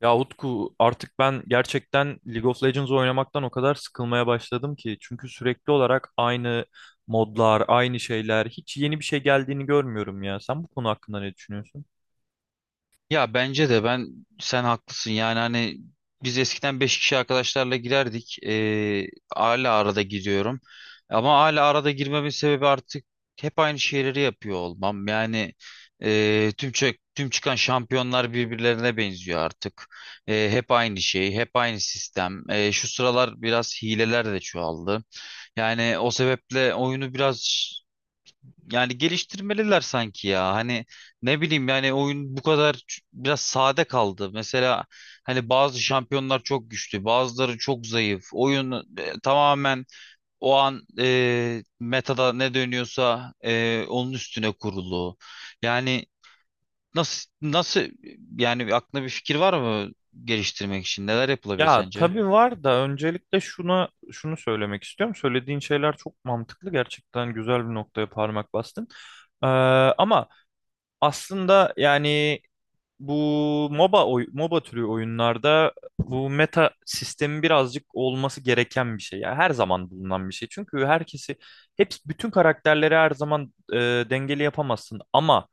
Ya Utku artık ben gerçekten League of Legends oynamaktan o kadar sıkılmaya başladım ki. Çünkü sürekli olarak aynı modlar, aynı şeyler, hiç yeni bir şey geldiğini görmüyorum ya. Sen bu konu hakkında ne düşünüyorsun? Ya bence de sen haklısın, yani hani biz eskiden 5 kişi arkadaşlarla girerdik. Hala arada giriyorum, ama hala arada girmemin sebebi artık hep aynı şeyleri yapıyor olmam, yani tüm çıkan şampiyonlar birbirlerine benziyor artık. Hep aynı şey, hep aynı sistem. Şu sıralar biraz hileler de çoğaldı, yani o sebeple oyunu biraz, yani geliştirmeliler sanki ya. Hani ne bileyim, yani oyun bu kadar biraz sade kaldı. Mesela hani bazı şampiyonlar çok güçlü, bazıları çok zayıf. Oyun tamamen o an metada ne dönüyorsa onun üstüne kurulu. Yani nasıl yani, aklına bir fikir var mı geliştirmek için? Neler yapılabilir Ya sence? tabii var da öncelikle şunu söylemek istiyorum. Söylediğin şeyler çok mantıklı. Gerçekten güzel bir noktaya parmak bastın. Ee, Ama aslında yani bu MOBA türü oyunlarda bu meta sistemi birazcık olması gereken bir şey. Yani her zaman bulunan bir şey. Çünkü herkesi hep bütün karakterleri her zaman dengeli yapamazsın ama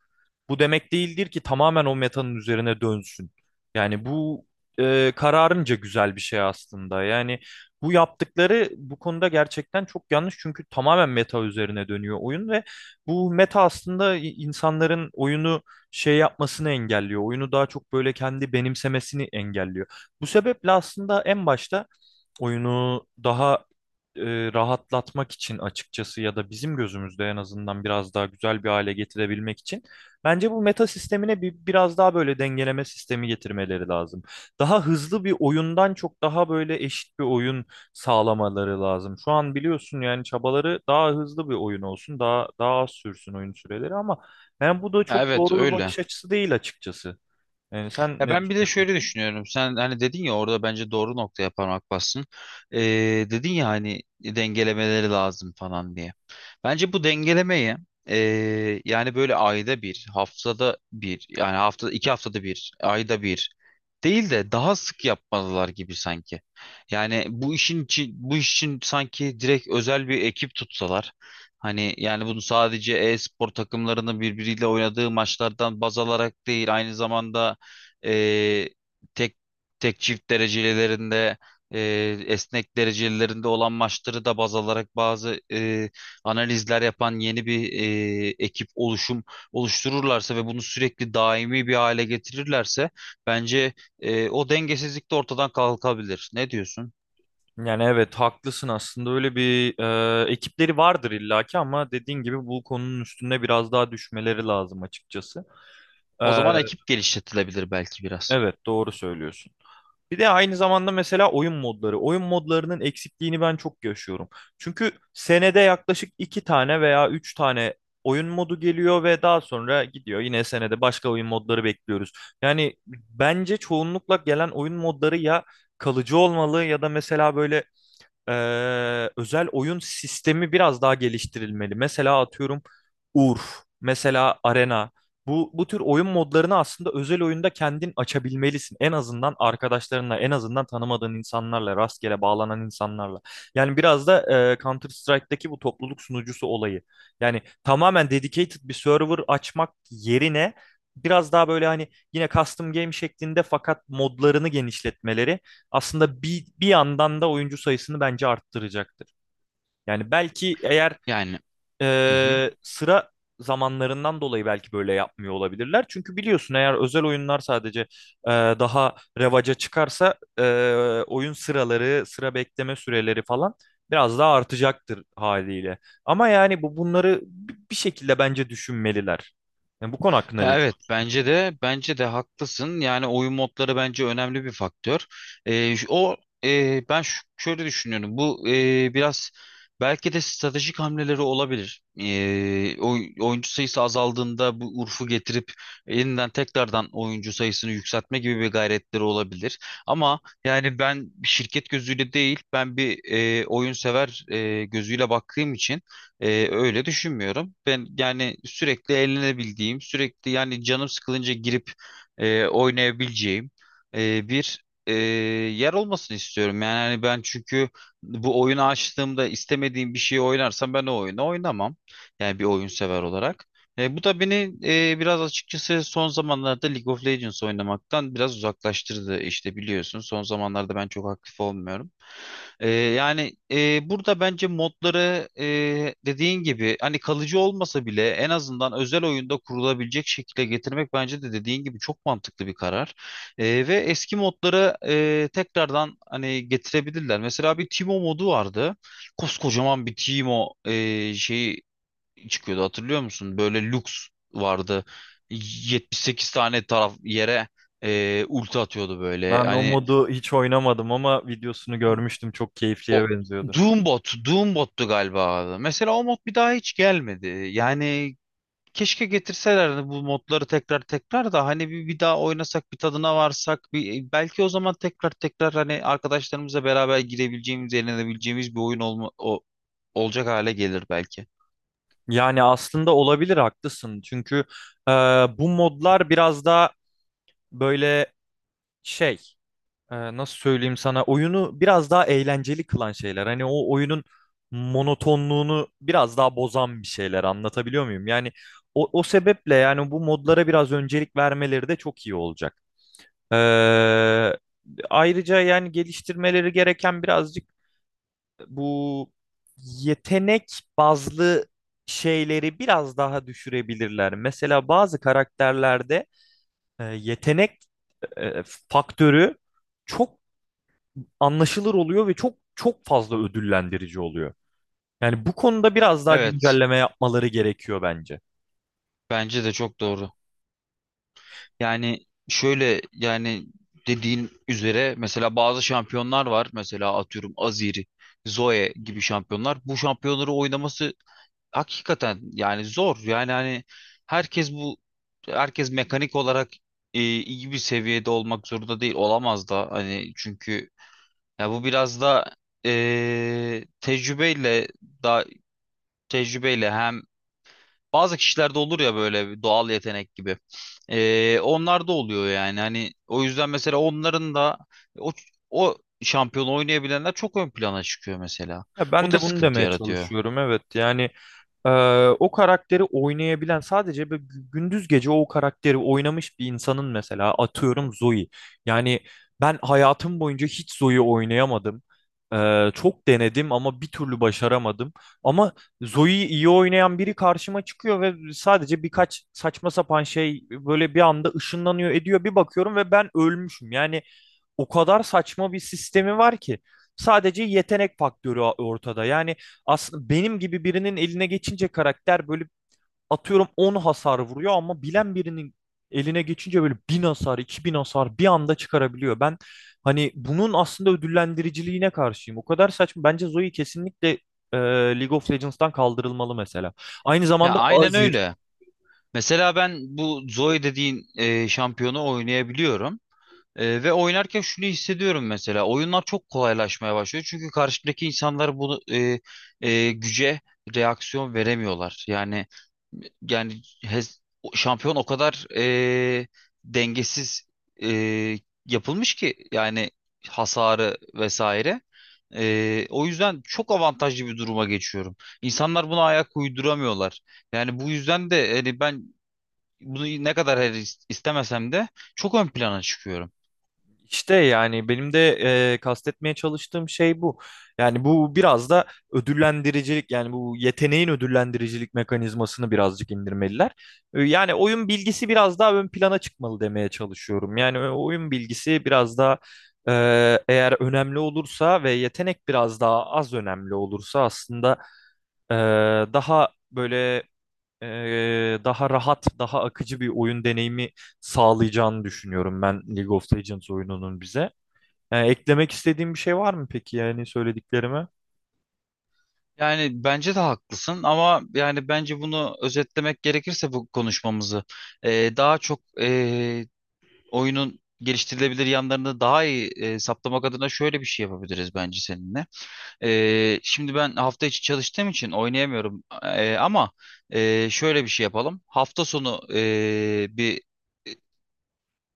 bu demek değildir ki tamamen o metanın üzerine dönsün. Yani bu kararınca güzel bir şey aslında. Yani bu yaptıkları bu konuda gerçekten çok yanlış çünkü tamamen meta üzerine dönüyor oyun ve bu meta aslında insanların oyunu şey yapmasını engelliyor. Oyunu daha çok böyle kendi benimsemesini engelliyor. Bu sebeple aslında en başta oyunu daha rahatlatmak için açıkçası ya da bizim gözümüzde en azından biraz daha güzel bir hale getirebilmek için bence bu meta sistemine biraz daha böyle dengeleme sistemi getirmeleri lazım. Daha hızlı bir oyundan çok daha böyle eşit bir oyun sağlamaları lazım. Şu an biliyorsun yani çabaları daha hızlı bir oyun olsun, daha az sürsün oyun süreleri ama yani bu da Ya çok evet, doğru bir öyle. bakış açısı değil açıkçası. Yani sen Ya ne ben bir de düşünüyorsun şöyle peki? düşünüyorum. Sen hani dedin ya, orada bence doğru noktaya parmak bassın. Ee, Dedin ya hani, dengelemeleri lazım falan diye. Bence bu dengelemeyi yani böyle ayda bir, haftada bir, yani hafta iki haftada bir, ayda bir değil de daha sık yapmalılar gibi sanki. Yani bu iş için sanki direkt özel bir ekip tutsalar. Hani yani bunu sadece e-spor takımlarının birbiriyle oynadığı maçlardan baz alarak değil, aynı zamanda e, tek tek çift derecelerinde, e, esnek derecelerinde olan maçları da baz alarak bazı analizler yapan yeni bir ekip oluştururlarsa ve bunu sürekli daimi bir hale getirirlerse bence o dengesizlik de ortadan kalkabilir. Ne diyorsun? Yani evet haklısın aslında öyle bir ekipleri vardır illaki ama dediğin gibi bu konunun üstüne biraz daha düşmeleri lazım açıkçası. E, O zaman ekip geliştirilebilir belki biraz. evet doğru söylüyorsun. Bir de aynı zamanda mesela oyun modları. Oyun modlarının eksikliğini ben çok yaşıyorum. Çünkü senede yaklaşık iki tane veya üç tane oyun modu geliyor ve daha sonra gidiyor. Yine senede başka oyun modları bekliyoruz. Yani bence çoğunlukla gelen oyun modları ya kalıcı olmalı ya da mesela böyle özel oyun sistemi biraz daha geliştirilmeli. Mesela atıyorum Urf, mesela Arena. Bu tür oyun modlarını aslında özel oyunda kendin açabilmelisin. En azından arkadaşlarınla, en azından tanımadığın insanlarla, rastgele bağlanan insanlarla. Yani biraz da Counter Strike'daki bu topluluk sunucusu olayı. Yani tamamen dedicated bir server açmak yerine biraz daha böyle hani yine custom game şeklinde fakat modlarını genişletmeleri aslında bir yandan da oyuncu sayısını bence arttıracaktır. Yani belki eğer Yani. Hı hı. Sıra zamanlarından dolayı belki böyle yapmıyor olabilirler. Çünkü biliyorsun eğer özel oyunlar sadece daha revaca çıkarsa oyun sıraları, sıra bekleme süreleri falan biraz daha artacaktır haliyle. Ama yani bunları bir şekilde bence düşünmeliler. Yani bu konu hakkında Ya ne evet, düşünüyorsun? bence de haklısın. Yani oyun modları bence önemli bir faktör. Şu- o e, ben şu- şöyle düşünüyorum. Bu biraz belki de stratejik hamleleri olabilir. Oyuncu sayısı azaldığında bu Urf'u getirip yeniden tekrardan oyuncu sayısını yükseltme gibi bir gayretleri olabilir. Ama yani ben bir şirket gözüyle değil, ben bir oyun sever gözüyle baktığım için öyle düşünmüyorum. Ben yani sürekli eğlenebildiğim, sürekli yani canım sıkılınca girip oynayabileceğim bir yer olmasını istiyorum. Yani hani ben, çünkü bu oyunu açtığımda istemediğim bir şeyi oynarsam ben o oyunu oynamam. Yani bir oyun sever olarak. Bu da beni biraz açıkçası son zamanlarda League of Legends oynamaktan biraz uzaklaştırdı. İşte biliyorsun, son zamanlarda ben çok aktif olmuyorum. Yani burada bence modları dediğin gibi, hani kalıcı olmasa bile en azından özel oyunda kurulabilecek şekilde getirmek, bence de dediğin gibi çok mantıklı bir karar. Ve eski modları tekrardan hani getirebilirler. Mesela bir Timo modu vardı. Koskocaman bir Timo şeyi çıkıyordu, hatırlıyor musun? Böyle Lux vardı. 78 tane taraf yere ulti atıyordu böyle. Ben o Hani modu hiç oynamadım ama videosunu görmüştüm. Çok o keyifliye benziyordu. Doombot'tu galiba abi. Mesela o mod bir daha hiç gelmedi. Yani keşke getirselerdi bu modları tekrar tekrar da, hani bir daha oynasak, bir tadına varsak, belki o zaman tekrar tekrar hani arkadaşlarımızla beraber girebileceğimiz, eğlenebileceğimiz bir oyun olacak hale gelir belki. Yani aslında olabilir haklısın. Çünkü e, bu modlar biraz daha böyle şey nasıl söyleyeyim sana oyunu biraz daha eğlenceli kılan şeyler. Hani o oyunun monotonluğunu biraz daha bozan bir şeyler anlatabiliyor muyum? Yani o sebeple yani bu modlara biraz öncelik vermeleri de çok iyi olacak. E, ayrıca yani geliştirmeleri gereken birazcık bu yetenek bazlı şeyleri biraz daha düşürebilirler. Mesela bazı karakterlerde yetenek e, faktörü çok anlaşılır oluyor ve çok çok fazla ödüllendirici oluyor. Yani bu konuda biraz daha Evet, güncelleme yapmaları gerekiyor bence. bence de çok doğru. Yani şöyle, yani dediğin üzere mesela bazı şampiyonlar var. Mesela atıyorum Aziri, Zoe gibi şampiyonlar. Bu şampiyonları oynaması hakikaten yani zor, yani hani herkes bu herkes mekanik olarak iyi bir seviyede olmak zorunda değil, olamaz da hani, çünkü ya bu biraz da e, tecrübeyle da tecrübeyle hem bazı kişilerde olur ya, böyle bir doğal yetenek gibi. Onlar da oluyor, yani hani o yüzden mesela onların da o o şampiyon oynayabilenler çok ön plana çıkıyor mesela, Ya o ben da de bunu sıkıntı demeye yaratıyor. çalışıyorum. Evet yani Ee, o karakteri oynayabilen sadece böyle gündüz gece o karakteri oynamış bir insanın mesela atıyorum Zoe. Yani ben hayatım boyunca hiç Zoe oynayamadım. Çok denedim ama bir türlü başaramadım. Ama Zoe'yi iyi oynayan biri karşıma çıkıyor ve sadece birkaç saçma sapan şey böyle bir anda ışınlanıyor ediyor. Bir bakıyorum ve ben ölmüşüm. Yani o kadar saçma bir sistemi var ki. Sadece yetenek faktörü ortada. Yani aslında benim gibi birinin eline geçince karakter böyle atıyorum 10 hasar vuruyor ama bilen birinin eline geçince böyle 1000 hasar, 2000 hasar bir anda çıkarabiliyor. Ben hani bunun aslında ödüllendiriciliğine karşıyım. O kadar saçma. Bence Zoe kesinlikle e, League of Legends'tan kaldırılmalı mesela. Aynı Ya zamanda aynen Azir. öyle. Mesela ben bu Zoe dediğin şampiyonu oynayabiliyorum. Ve oynarken şunu hissediyorum mesela. Oyunlar çok kolaylaşmaya başlıyor. Çünkü karşıdaki insanlar bunu güce reaksiyon veremiyorlar. Yani hez- şampiyon o kadar dengesiz e, yapılmış ki, yani hasarı vesaire. O yüzden çok avantajlı bir duruma geçiyorum. İnsanlar buna ayak uyduramıyorlar. Yani bu yüzden de hani ben bunu ne kadar istemesem de çok ön plana çıkıyorum. İşte yani benim de kastetmeye çalıştığım şey bu. Yani bu biraz da ödüllendiricilik yani bu yeteneğin ödüllendiricilik mekanizmasını birazcık indirmeliler. Yani oyun bilgisi biraz daha ön plana çıkmalı demeye çalışıyorum. Yani oyun bilgisi biraz daha e, eğer önemli olursa ve yetenek biraz daha az önemli olursa aslında e, daha böyle daha rahat, daha akıcı bir oyun deneyimi sağlayacağını düşünüyorum ben League of Legends oyununun bize. Yani eklemek istediğim bir şey var mı peki yani söylediklerime? Yani bence de haklısın, ama yani bence bunu özetlemek gerekirse bu konuşmamızı daha çok oyunun geliştirilebilir yanlarını daha iyi saptamak adına şöyle bir şey yapabiliriz bence seninle. Şimdi ben hafta içi çalıştığım için oynayamıyorum. Ama şöyle bir şey yapalım. Hafta sonu bir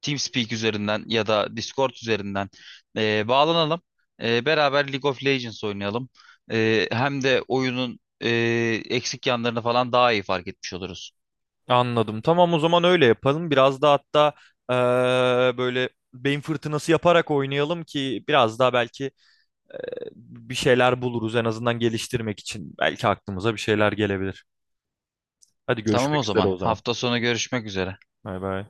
TeamSpeak üzerinden ya da Discord üzerinden bağlanalım. Beraber League of Legends oynayalım. Hem de oyunun eksik yanlarını falan daha iyi fark etmiş oluruz. Anladım. Tamam o zaman öyle yapalım. Biraz da hatta böyle beyin fırtınası yaparak oynayalım ki biraz daha belki bir şeyler buluruz en azından geliştirmek için. Belki aklımıza bir şeyler gelebilir. Hadi Tamam o görüşmek üzere zaman. o zaman. Hafta sonu görüşmek üzere. Bay bay.